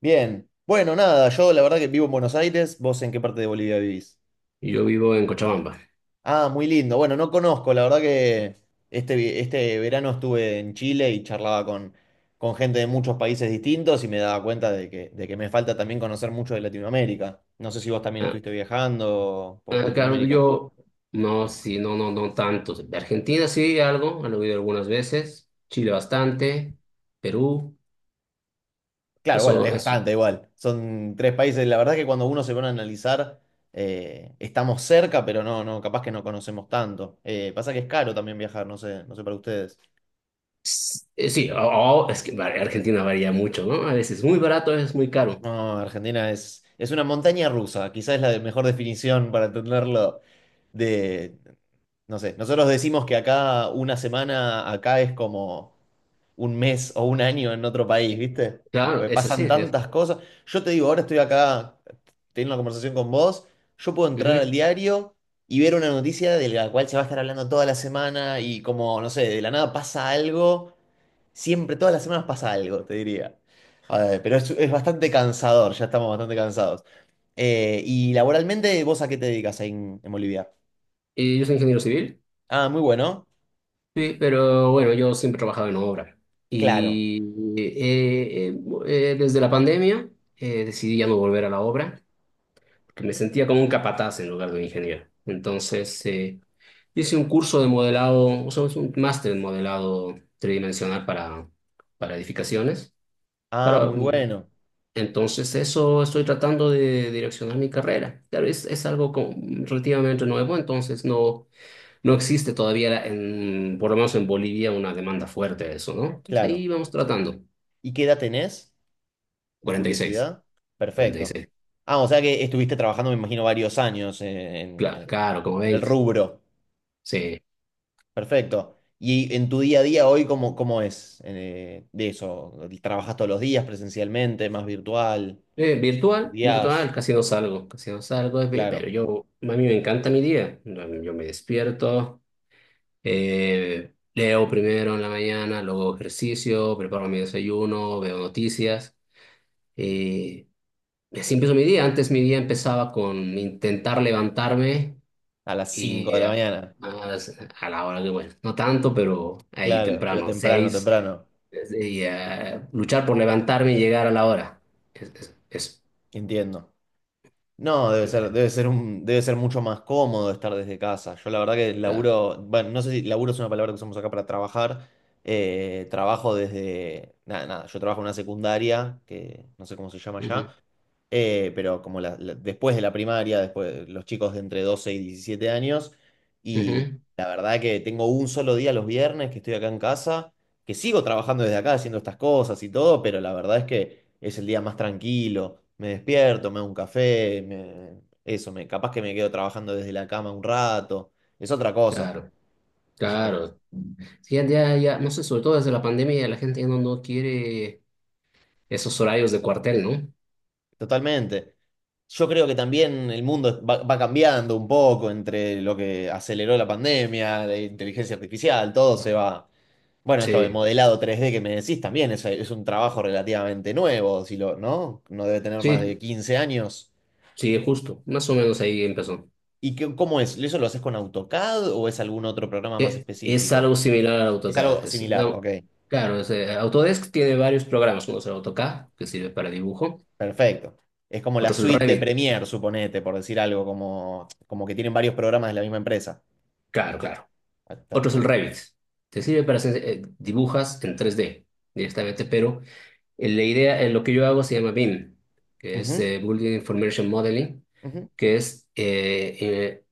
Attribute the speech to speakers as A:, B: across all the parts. A: Bien. Bueno, nada, yo la verdad que vivo en Buenos Aires. ¿Vos en qué parte de Bolivia vivís?
B: Yo vivo en Cochabamba.
A: Ah, muy lindo. Bueno, no conozco, la verdad que este verano estuve en Chile y charlaba con gente de muchos países distintos y me daba cuenta de que me falta también conocer mucho de Latinoamérica. No sé si vos también
B: Ah.
A: estuviste viajando por
B: Acá donde
A: Latinoamérica.
B: yo, no, sí, no, no, no tanto. De Argentina, sí, algo, han oído algunas veces. Chile bastante. Perú.
A: Claro, bueno,
B: Eso,
A: es
B: eso.
A: bastante igual. Son tres países. La verdad que cuando uno se pone a analizar, estamos cerca, pero no, no, capaz que no conocemos tanto. Pasa que es caro también viajar, no sé para ustedes.
B: Sí, Argentina varía mucho, ¿no? A veces es muy barato, a veces es muy caro.
A: No, Argentina es una montaña rusa, quizás es mejor definición para entenderlo de, no sé, nosotros decimos que acá una semana, acá es como un mes o un año en otro país, ¿viste?
B: Claro,
A: Porque
B: es así.
A: pasan
B: Es.
A: tantas cosas. Yo te digo, ahora estoy acá teniendo una conversación con vos, yo puedo entrar al
B: Ujú.
A: diario y ver una noticia de la cual se va a estar hablando toda la semana y como, no sé, de la nada pasa algo. Siempre, todas las semanas pasa algo, te diría. A ver, pero es bastante cansador, ya estamos bastante cansados. Y laboralmente, ¿vos a qué te dedicas ahí en Bolivia?
B: Y yo soy ingeniero civil.
A: Ah, muy bueno,
B: Sí, pero bueno, yo siempre he trabajado en obra.
A: claro.
B: Y eh, eh, desde la pandemia, decidí ya no volver a la obra, que me sentía como un capataz en lugar de un ingeniero. Entonces, hice un curso de modelado, o sea, es un máster en modelado tridimensional para edificaciones.
A: Ah,
B: Para,
A: muy
B: mm,
A: bueno,
B: entonces, eso estoy tratando de direccionar mi carrera. Claro, es algo como relativamente nuevo, entonces no existe todavía, por lo menos en Bolivia, una demanda fuerte de eso, ¿no? Entonces,
A: claro.
B: ahí vamos tratando.
A: ¿Y qué edad tenés? De
B: 46.
A: curiosidad. Perfecto.
B: 46.
A: Ah, o sea que estuviste trabajando, me imagino, varios años en, en-
B: Claro, como
A: en el
B: 20.
A: rubro.
B: Sí.
A: Perfecto. ¿Y en tu día a día hoy cómo es de eso? ¿Trabajas todos los días presencialmente, más virtual?
B: Virtual, virtual,
A: ¿Estudiás?
B: casi no salgo, pero
A: Claro,
B: yo, a mí me encanta mi día. Yo me despierto, leo primero en la mañana, luego hago ejercicio, preparo mi desayuno, veo noticias y así empiezo mi día. Antes mi día empezaba con intentar levantarme
A: a las 5
B: y
A: de la
B: a,
A: mañana.
B: a la hora que, bueno, no tanto, pero ahí
A: Claro, pero
B: temprano,
A: temprano,
B: seis,
A: temprano.
B: y luchar por levantarme y llegar a la hora. Es,
A: Entiendo. No,
B: no,
A: debe ser mucho más cómodo estar desde casa. Yo la verdad que
B: la-
A: laburo, bueno, no sé si laburo es una palabra que usamos acá para trabajar. Trabajo desde, nada, nada, yo trabajo en una secundaria, que no sé cómo se llama
B: Ujú.
A: ya, pero como después de la primaria, después los chicos de entre 12 y 17 años, y
B: Ujú.
A: la verdad que tengo un solo día los viernes que estoy acá en casa que sigo trabajando desde acá haciendo estas cosas y todo, pero la verdad es que es el día más tranquilo. Me despierto, me hago un café, eso, capaz que me quedo trabajando desde la cama un rato. Es otra cosa,
B: Claro,
A: es otra cosa.
B: claro. Sí, ya, ya, ya, no sé, sobre todo desde la pandemia la gente ya no quiere esos horarios de cuartel, ¿no?
A: Totalmente. Yo creo que también el mundo va cambiando un poco entre lo que aceleró la pandemia, la inteligencia artificial, todo se va. Bueno, esto de
B: Sí,
A: modelado 3D que me decís también es un trabajo relativamente nuevo, ¿no? No debe tener más
B: sí,
A: de 15 años.
B: sí, justo, más o menos ahí empezó.
A: ¿Y cómo es? ¿Eso lo haces con AutoCAD o es algún otro programa más
B: Que es
A: específico?
B: algo similar al
A: Es
B: AutoCAD,
A: algo
B: es,
A: similar,
B: digamos,
A: ok.
B: claro, es, Autodesk tiene varios programas: uno es el AutoCAD, que sirve para dibujo,
A: Perfecto. Es como la
B: otro es el
A: suite de
B: Revit,
A: Premiere, suponete, por decir algo, como, como que tienen varios programas de la misma empresa.
B: claro, claro,
A: Ah, está
B: otro es el
A: perfecto.
B: Revit, te sirve para hacer, dibujas en 3D directamente. Pero la idea, lo que yo hago se llama BIM, que es
A: Ujú,
B: Building Information Modeling,
A: ujú.
B: que es,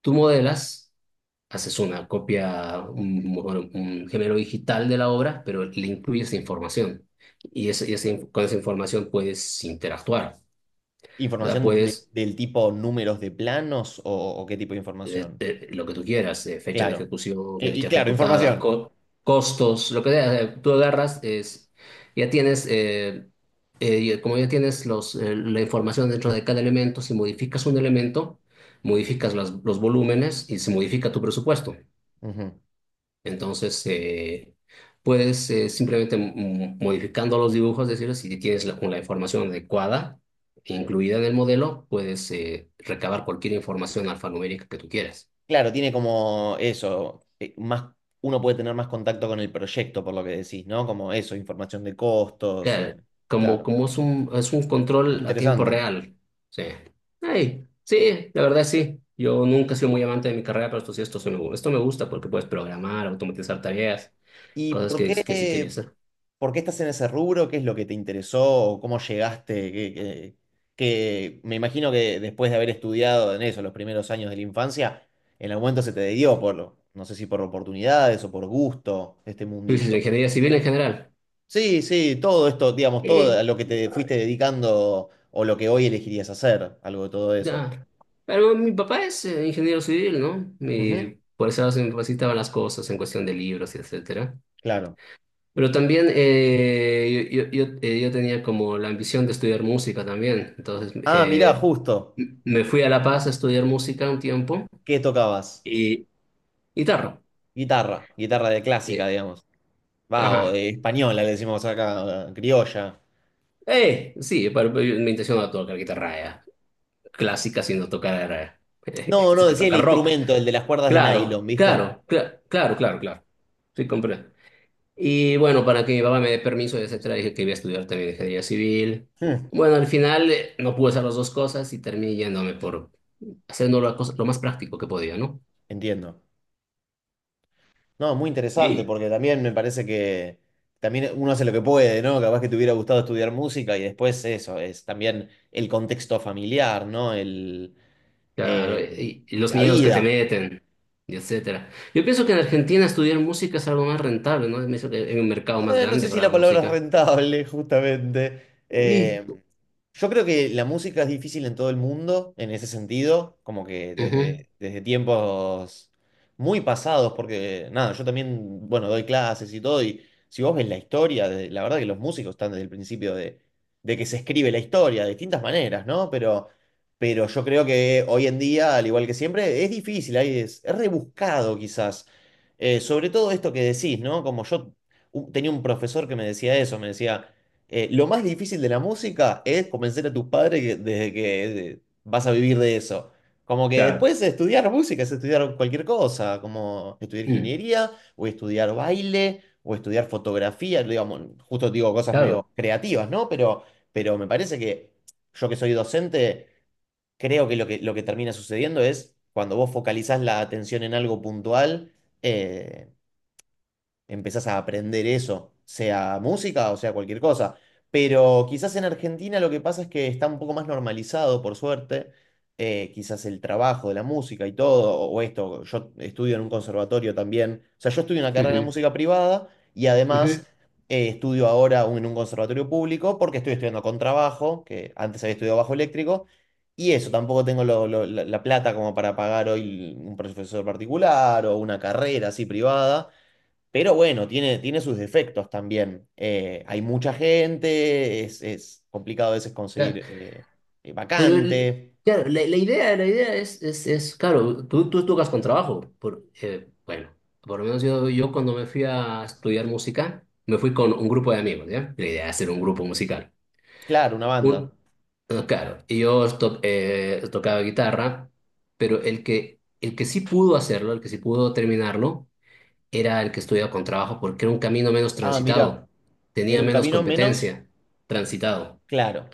B: tú modelas, haces una copia, un, bueno, un género digital de la obra, pero le incluyes información. Con esa información puedes interactuar, ¿verdad?
A: ¿Información de-
B: Puedes
A: del tipo números de planos o qué tipo de información?
B: lo que tú quieras: fecha de
A: Claro.
B: ejecución,
A: Y
B: fecha
A: claro,
B: ejecutada,
A: información.
B: costos, lo que sea. Tú agarras, es, ya tienes, como ya tienes los, la información dentro de cada elemento, si modificas un elemento, modificas los volúmenes y se modifica tu presupuesto.
A: Ujú.
B: Entonces, puedes simplemente, modificando los dibujos, decir, si tienes la información adecuada, incluida en el modelo, puedes recabar cualquier información alfanumérica que tú quieras.
A: Claro, tiene como eso, uno puede tener más contacto con el proyecto, por lo que decís, ¿no? Como eso, información de costos,
B: Claro, como,
A: claro.
B: como es un control a tiempo
A: Interesante.
B: real. Sí. Ay, sí, la verdad sí. Yo nunca he sido muy amante de mi carrera, pero esto sí, esto me gusta porque puedes programar, automatizar tareas,
A: ¿Y
B: cosas que sí quería hacer.
A: por qué estás en ese rubro? ¿Qué es lo que te interesó? ¿O Cómo llegaste? Me imagino que después de haber estudiado en eso los primeros años de la infancia, en algún momento se te dio por, no sé si por oportunidades o por gusto, este
B: Tú dices la
A: mundillo.
B: ingeniería civil en general.
A: Sí, sí, todo esto, digamos, todo
B: Eh,
A: a lo que te fuiste dedicando o lo que hoy elegirías hacer, algo de todo eso.
B: ya. Pero mi papá es ingeniero civil, ¿no?
A: Ujú,
B: Y por eso se me facilitaban las cosas en cuestión de libros y etcétera.
A: claro.
B: Pero también, yo tenía como la ambición de estudiar música también. Entonces,
A: Ah, mirá, justo.
B: me fui a La Paz a estudiar música un tiempo
A: ¿Qué tocabas?
B: y guitarra.
A: Guitarra, guitarra de clásica,
B: De-
A: digamos. Va, o
B: ajá.
A: de española le decimos acá, criolla.
B: Sí, pero mi intención era tocar guitarra, ya, clásica, sino tocar era,
A: No, no,
B: sí que
A: decía el
B: tocar rock.
A: instrumento, el de las cuerdas de nylon,
B: Claro,
A: ¿viste?
B: claro, claro, claro, claro. Sí, compré. Y bueno, para que mi papá me dé permiso, etcétera, dije que iba a estudiar también ingeniería civil.
A: Hmm,
B: Bueno, al final, no pude hacer las dos cosas y terminé yéndome por haciendo lo más práctico que podía, ¿no?
A: entiendo. No, muy interesante,
B: Y.
A: porque también me parece que también uno hace lo que puede, ¿no? Capaz que te hubiera gustado estudiar música y después eso, es también el contexto familiar, ¿no?
B: Claro,
A: Eh,
B: y los
A: la
B: miedos que te
A: vida.
B: meten, y etcétera. Yo pienso que en Argentina estudiar música es algo más rentable, ¿no? Es un mercado más
A: No
B: grande
A: sé si
B: para
A: la
B: la
A: palabra es
B: música.
A: rentable, justamente.
B: Y.
A: Eh, yo creo que la música es difícil en todo el mundo, en ese sentido, como que
B: Ujú.
A: desde, desde tiempos muy pasados, porque nada, yo también, bueno, doy clases y todo, y si vos ves la historia, la verdad que los músicos están desde el principio de que se escribe la historia, de distintas maneras, ¿no? Pero yo creo que hoy en día, al igual que siempre, es difícil, ahí es rebuscado quizás. Sobre todo esto que decís, ¿no? Como yo tenía un profesor que me decía eso, me decía, lo más difícil de la música es convencer a tus padres de que vas a vivir de eso. Como que
B: Claro.
A: después estudiar música es estudiar cualquier cosa, como estudiar
B: Mm,
A: ingeniería, o estudiar baile, o estudiar fotografía, digamos, justo digo cosas medio
B: claro.
A: creativas, ¿no? Pero me parece que yo que soy docente, creo que lo que, lo que termina sucediendo es cuando vos focalizás la atención en algo puntual, eh, empezás a aprender eso, sea música o sea cualquier cosa. Pero quizás en Argentina lo que pasa es que está un poco más normalizado, por suerte, quizás el trabajo de la música y todo, o esto, yo estudio en un conservatorio también, o sea, yo estudio una carrera de
B: Ujú,
A: música privada y
B: ujú,
A: además estudio ahora en un conservatorio público porque estoy estudiando con trabajo, que antes había estudiado bajo eléctrico, y eso, tampoco tengo la plata como para pagar hoy un profesor particular o una carrera así privada. Pero bueno, tiene, tiene sus defectos también. Hay mucha gente, es complicado a veces
B: claro.
A: conseguir
B: Pero
A: vacante.
B: claro, la idea es, claro, tú tocas con trabajo. Bueno, por lo menos yo cuando me fui a estudiar música, me fui con un grupo de amigos, ¿ya? La idea era hacer un grupo musical.
A: Claro, una banda.
B: Un, claro, y yo tocaba guitarra, pero el que sí pudo hacerlo, el que sí pudo terminarlo, era el que estudiaba con trabajo porque era un camino menos
A: Ah, mira,
B: transitado, tenía
A: era un
B: menos
A: camino menos
B: competencia transitado.
A: claro.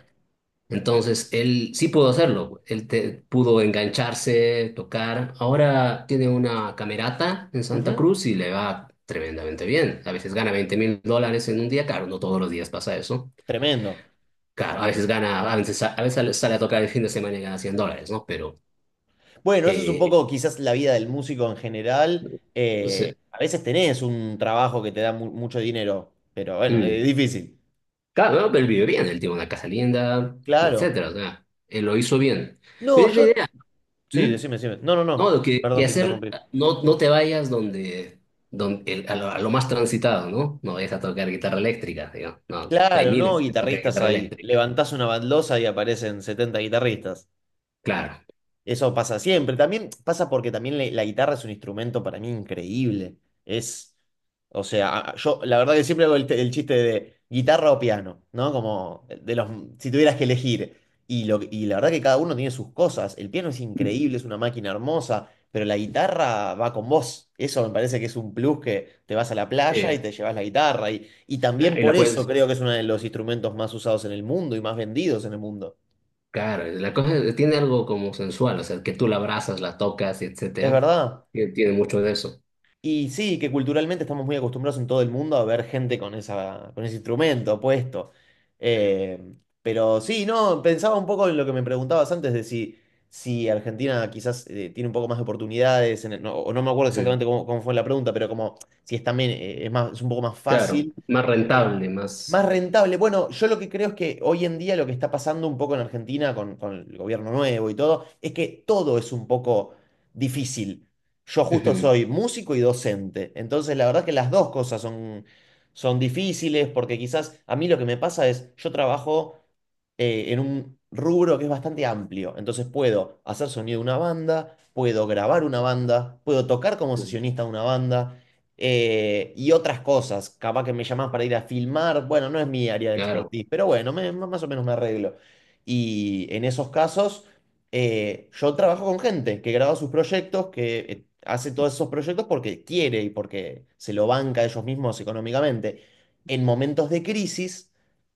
B: Entonces, él sí pudo hacerlo, él pudo engancharse, tocar. Ahora tiene una camerata en Santa
A: Ujú,
B: Cruz y le va tremendamente bien. A veces gana $20,000 en un día, claro, no todos los días pasa eso.
A: tremendo.
B: Claro, a veces gana, a veces sale a tocar el fin de semana y gana $100, ¿no? Pero,
A: Bueno, eso es un
B: eh,
A: poco quizás la vida del músico en general.
B: o sea,
A: A veces tenés un trabajo que te da mucho dinero, pero bueno,
B: mm,
A: es difícil.
B: claro, ¿no? Pero él vive bien, él tiene una casa linda,
A: Claro.
B: etcétera, o sea, él lo hizo bien.
A: No,
B: Pero es la
A: yo...
B: idea,
A: Sí,
B: ¿m?
A: decime, decime. No, no,
B: ¿No?
A: no.
B: Lo que
A: Perdón, te
B: hacer,
A: interrumpí.
B: no te vayas a lo más transitado, ¿no? No vayas a tocar guitarra eléctrica, digo, no, hay
A: Claro, no
B: miles que tocan
A: guitarristas
B: guitarra
A: ahí.
B: eléctrica,
A: Levantás una baldosa y aparecen 70 guitarristas.
B: claro.
A: Eso pasa siempre. También pasa porque también la guitarra es un instrumento para mí increíble. Es, o sea, yo la verdad que siempre hago el, el chiste de guitarra o piano, ¿no? Como de los, si tuvieras que elegir. Y la verdad que cada uno tiene sus cosas. El piano es
B: Mm.
A: increíble, es una máquina hermosa, pero la guitarra va con vos. Eso me parece que es un plus que te vas a la playa
B: Eh,
A: y te llevas la guitarra. Y
B: nah,
A: también
B: y
A: por
B: la
A: eso
B: puedes,
A: creo que es uno de los instrumentos más usados en el mundo y más vendidos en el mundo.
B: claro, tiene algo como sensual, o sea, que tú la abrazas, la tocas,
A: ¿Es
B: etcétera.
A: verdad?
B: Tiene mucho de eso.
A: Y sí, que culturalmente estamos muy acostumbrados en todo el mundo a ver gente con ese instrumento puesto. Eh, pero sí, no, pensaba un poco en lo que me preguntabas antes de si, si Argentina quizás tiene un poco más de oportunidades, en no, o no me acuerdo
B: Ujú.
A: exactamente cómo fue la pregunta, pero como si es también es un poco más
B: Claro,
A: fácil,
B: más
A: eh,
B: rentable,
A: más
B: más.
A: rentable. Bueno, yo lo que creo es que hoy en día lo que está pasando un poco en Argentina con el gobierno nuevo y todo, es que todo es un poco difícil. Yo justo
B: Ujú.
A: soy músico y docente, entonces la verdad que las dos cosas son, son difíciles porque quizás a mí lo que me pasa es, yo trabajo en un rubro que es bastante amplio, entonces puedo hacer sonido de una banda, puedo grabar una banda, puedo tocar como
B: Ujú.
A: sesionista de una banda y otras cosas, capaz que me llaman para ir a filmar, bueno, no es mi área de
B: Claro.
A: expertise, pero bueno, más o menos me arreglo. Y en esos casos yo trabajo con gente que graba sus proyectos, que hace todos esos proyectos porque quiere y porque se lo banca ellos mismos económicamente. En momentos de crisis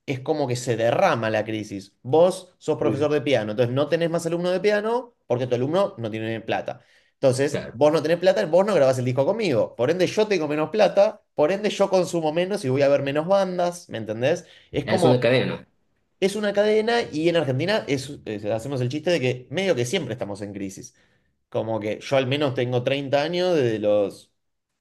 A: es como que se derrama la crisis. Vos sos
B: Ujú.
A: profesor de piano, entonces no tenés más alumno de piano porque tu alumno no tiene plata. Entonces,
B: Claro.
A: vos no tenés plata, vos no grabás el disco conmigo. Por ende, yo tengo menos plata, por ende, yo consumo menos y voy a ver menos bandas, ¿me entendés? Es
B: Es una
A: como
B: cadena.
A: es una cadena y en Argentina es, hacemos el chiste de que medio que siempre estamos en crisis. Como que yo al menos tengo 30 años, desde los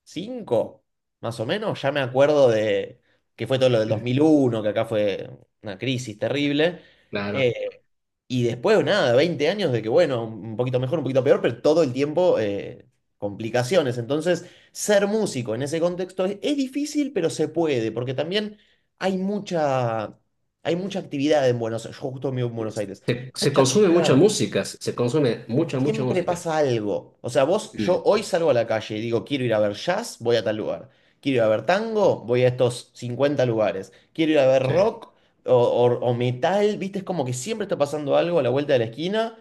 A: 5 más o menos, ya me acuerdo de que fue todo lo del dos
B: Ujú.
A: mil uno que acá fue una crisis terrible.
B: Claro.
A: Eh, y después, nada, 20 años de que, bueno, un poquito mejor, un poquito peor, pero todo el tiempo complicaciones. Entonces, ser músico en ese contexto es difícil, pero se puede, porque también hay mucha, hay mucha actividad en Buenos Aires. Yo justo vivo en Buenos Aires.
B: Se
A: Mucha
B: consume mucha
A: actividad.
B: música, se consume mucha, mucha
A: Siempre
B: música.
A: pasa algo. O sea, vos, yo
B: Mm.
A: hoy salgo a la calle y digo, quiero ir a ver jazz, voy a tal lugar. Quiero ir a ver tango, voy a estos 50 lugares. Quiero ir a ver
B: Sí.
A: rock o metal, ¿viste? Es como que siempre está pasando algo a la vuelta de la esquina.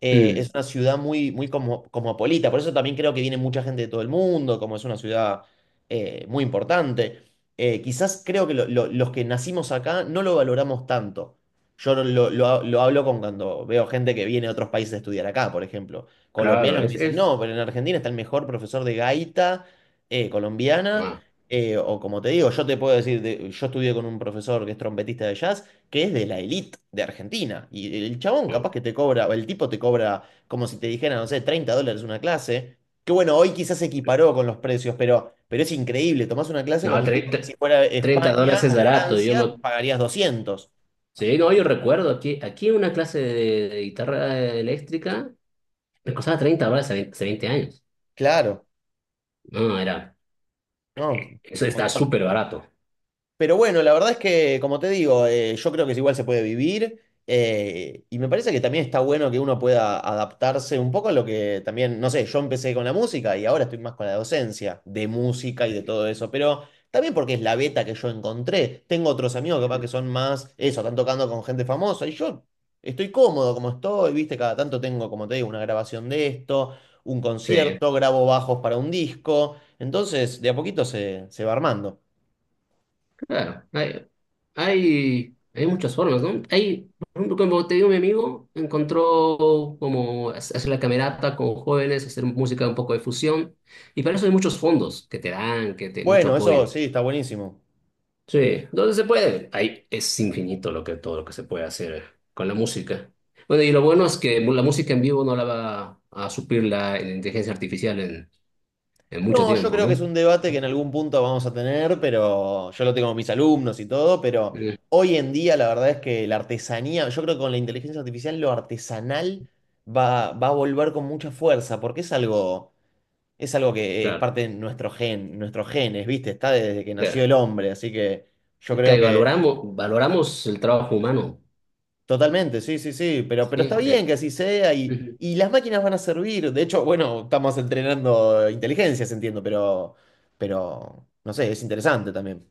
A: Es
B: Mm.
A: una ciudad muy, muy como, cosmopolita, por eso también creo que viene mucha gente de todo el mundo, como es una ciudad muy importante. Quizás creo que los que nacimos acá no lo valoramos tanto. Yo no lo, lo hablo con cuando veo gente que viene de otros países a estudiar acá, por ejemplo.
B: Claro,
A: Colombianos que me
B: es,
A: dicen,
B: es.
A: no, pero en Argentina está el mejor profesor de gaita colombiana.
B: Ah,
A: O como te digo, yo te puedo decir, yo estudié con un profesor que es trompetista de jazz, que es de la elite de Argentina. Y el chabón
B: mm.
A: capaz que te cobra, o el tipo te cobra como si te dijera, no sé, 30 dólares una clase. Que bueno, hoy quizás se equiparó con los precios, pero es increíble. Tomás una clase con
B: No,
A: un tipo que si
B: treinta,
A: fuera
B: 30
A: España
B: dólares es
A: o
B: barato. Yo
A: Francia,
B: me...
A: pagarías 200.
B: Sí, no, yo recuerdo aquí una clase de guitarra eléctrica. Me costaba $30 hace 20, hace 20 años.
A: Claro.
B: No, era.
A: No,
B: Eso
A: un
B: está
A: montón.
B: súper barato.
A: Pero bueno, la verdad es que, como te digo, yo creo que igual se puede vivir y me parece que también está bueno que uno pueda adaptarse un poco a lo que también, no sé, yo empecé con la música y ahora estoy más con la docencia de música y de todo eso, pero también porque es la beta que yo encontré. Tengo otros amigos capaz que son más eso, están tocando con gente famosa y yo estoy cómodo como estoy, viste, cada tanto tengo, como te digo, una grabación de esto, un
B: Sí,
A: concierto, grabo bajos para un disco, entonces de a poquito se va armando.
B: claro. Hay muchas formas, ¿no? Hay, por ejemplo, como te digo, mi amigo encontró como hacer la camerata con jóvenes, hacer música un poco de fusión. Y para eso hay muchos fondos que te dan, que te mucho
A: Bueno, eso
B: apoyo.
A: sí, está buenísimo.
B: Sí, entonces se puede. Ahí es infinito todo lo que se puede hacer con la música. Bueno, y lo bueno es que la música en vivo no la va a suplir la inteligencia artificial en mucho
A: No, yo
B: tiempo,
A: creo que es
B: ¿no?
A: un debate que en algún punto vamos a tener, pero yo lo tengo con mis alumnos y todo, pero
B: Mm,
A: hoy en día la verdad es que la artesanía, yo creo que con la inteligencia artificial lo artesanal va a volver con mucha fuerza, porque es algo que es
B: claro,
A: parte de nuestro gen, nuestros genes, ¿viste? Está desde que nació
B: claro.
A: el hombre, así que yo creo
B: Claro, y
A: que
B: valoramos el trabajo humano,
A: totalmente, sí, sí, sí, pero está
B: ¿sí?
A: bien que así sea
B: Ujú.
A: y las máquinas van a servir. De hecho, bueno, estamos entrenando inteligencias, entiendo, pero, no sé, es interesante también.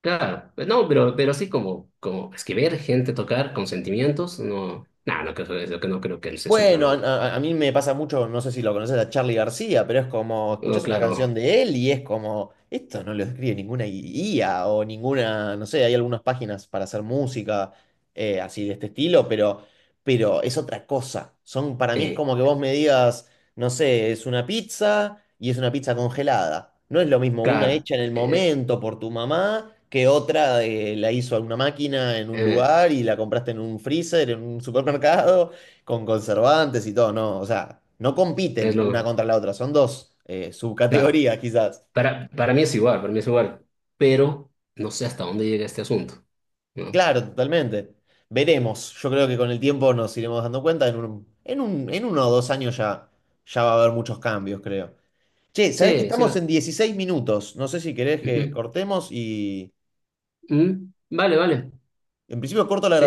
B: Claro, pues, no, pero sí como escribir, gente tocar con sentimientos, no, nah, no, es lo que no creo que se supla
A: Bueno,
B: nunca.
A: a mí me pasa mucho, no sé si lo conoces a Charlie García, pero es como,
B: No,
A: escuchás una canción
B: claro,
A: de él y es como, esto no lo escribe ninguna IA o ninguna, no sé, hay algunas páginas para hacer música así de este estilo, pero es otra cosa. Son, para mí es
B: eh,
A: como que vos me digas, no sé, es una pizza y es una pizza congelada. No es lo mismo una
B: claro,
A: hecha en el
B: eh,
A: momento por tu mamá que otra la hizo alguna máquina en un
B: eh, eh,
A: lugar y la compraste en un freezer, en un supermercado con conservantes y todo, no, o sea, no
B: es
A: compiten una
B: lo,
A: contra la otra, son dos
B: claro.
A: subcategorías quizás.
B: Para mí es igual, para mí es igual, pero no sé hasta dónde llega este asunto, ¿no?
A: Claro, totalmente. Veremos, yo creo que con el tiempo nos iremos dando cuenta, en uno o 2 años ya, ya va a haber muchos cambios, creo. Che, sabés que
B: Sí, sí
A: estamos
B: va.
A: en 16 minutos, no sé si querés que
B: Ujú.
A: cortemos y
B: Mm, vale, vale.
A: en principio corto la
B: Sí,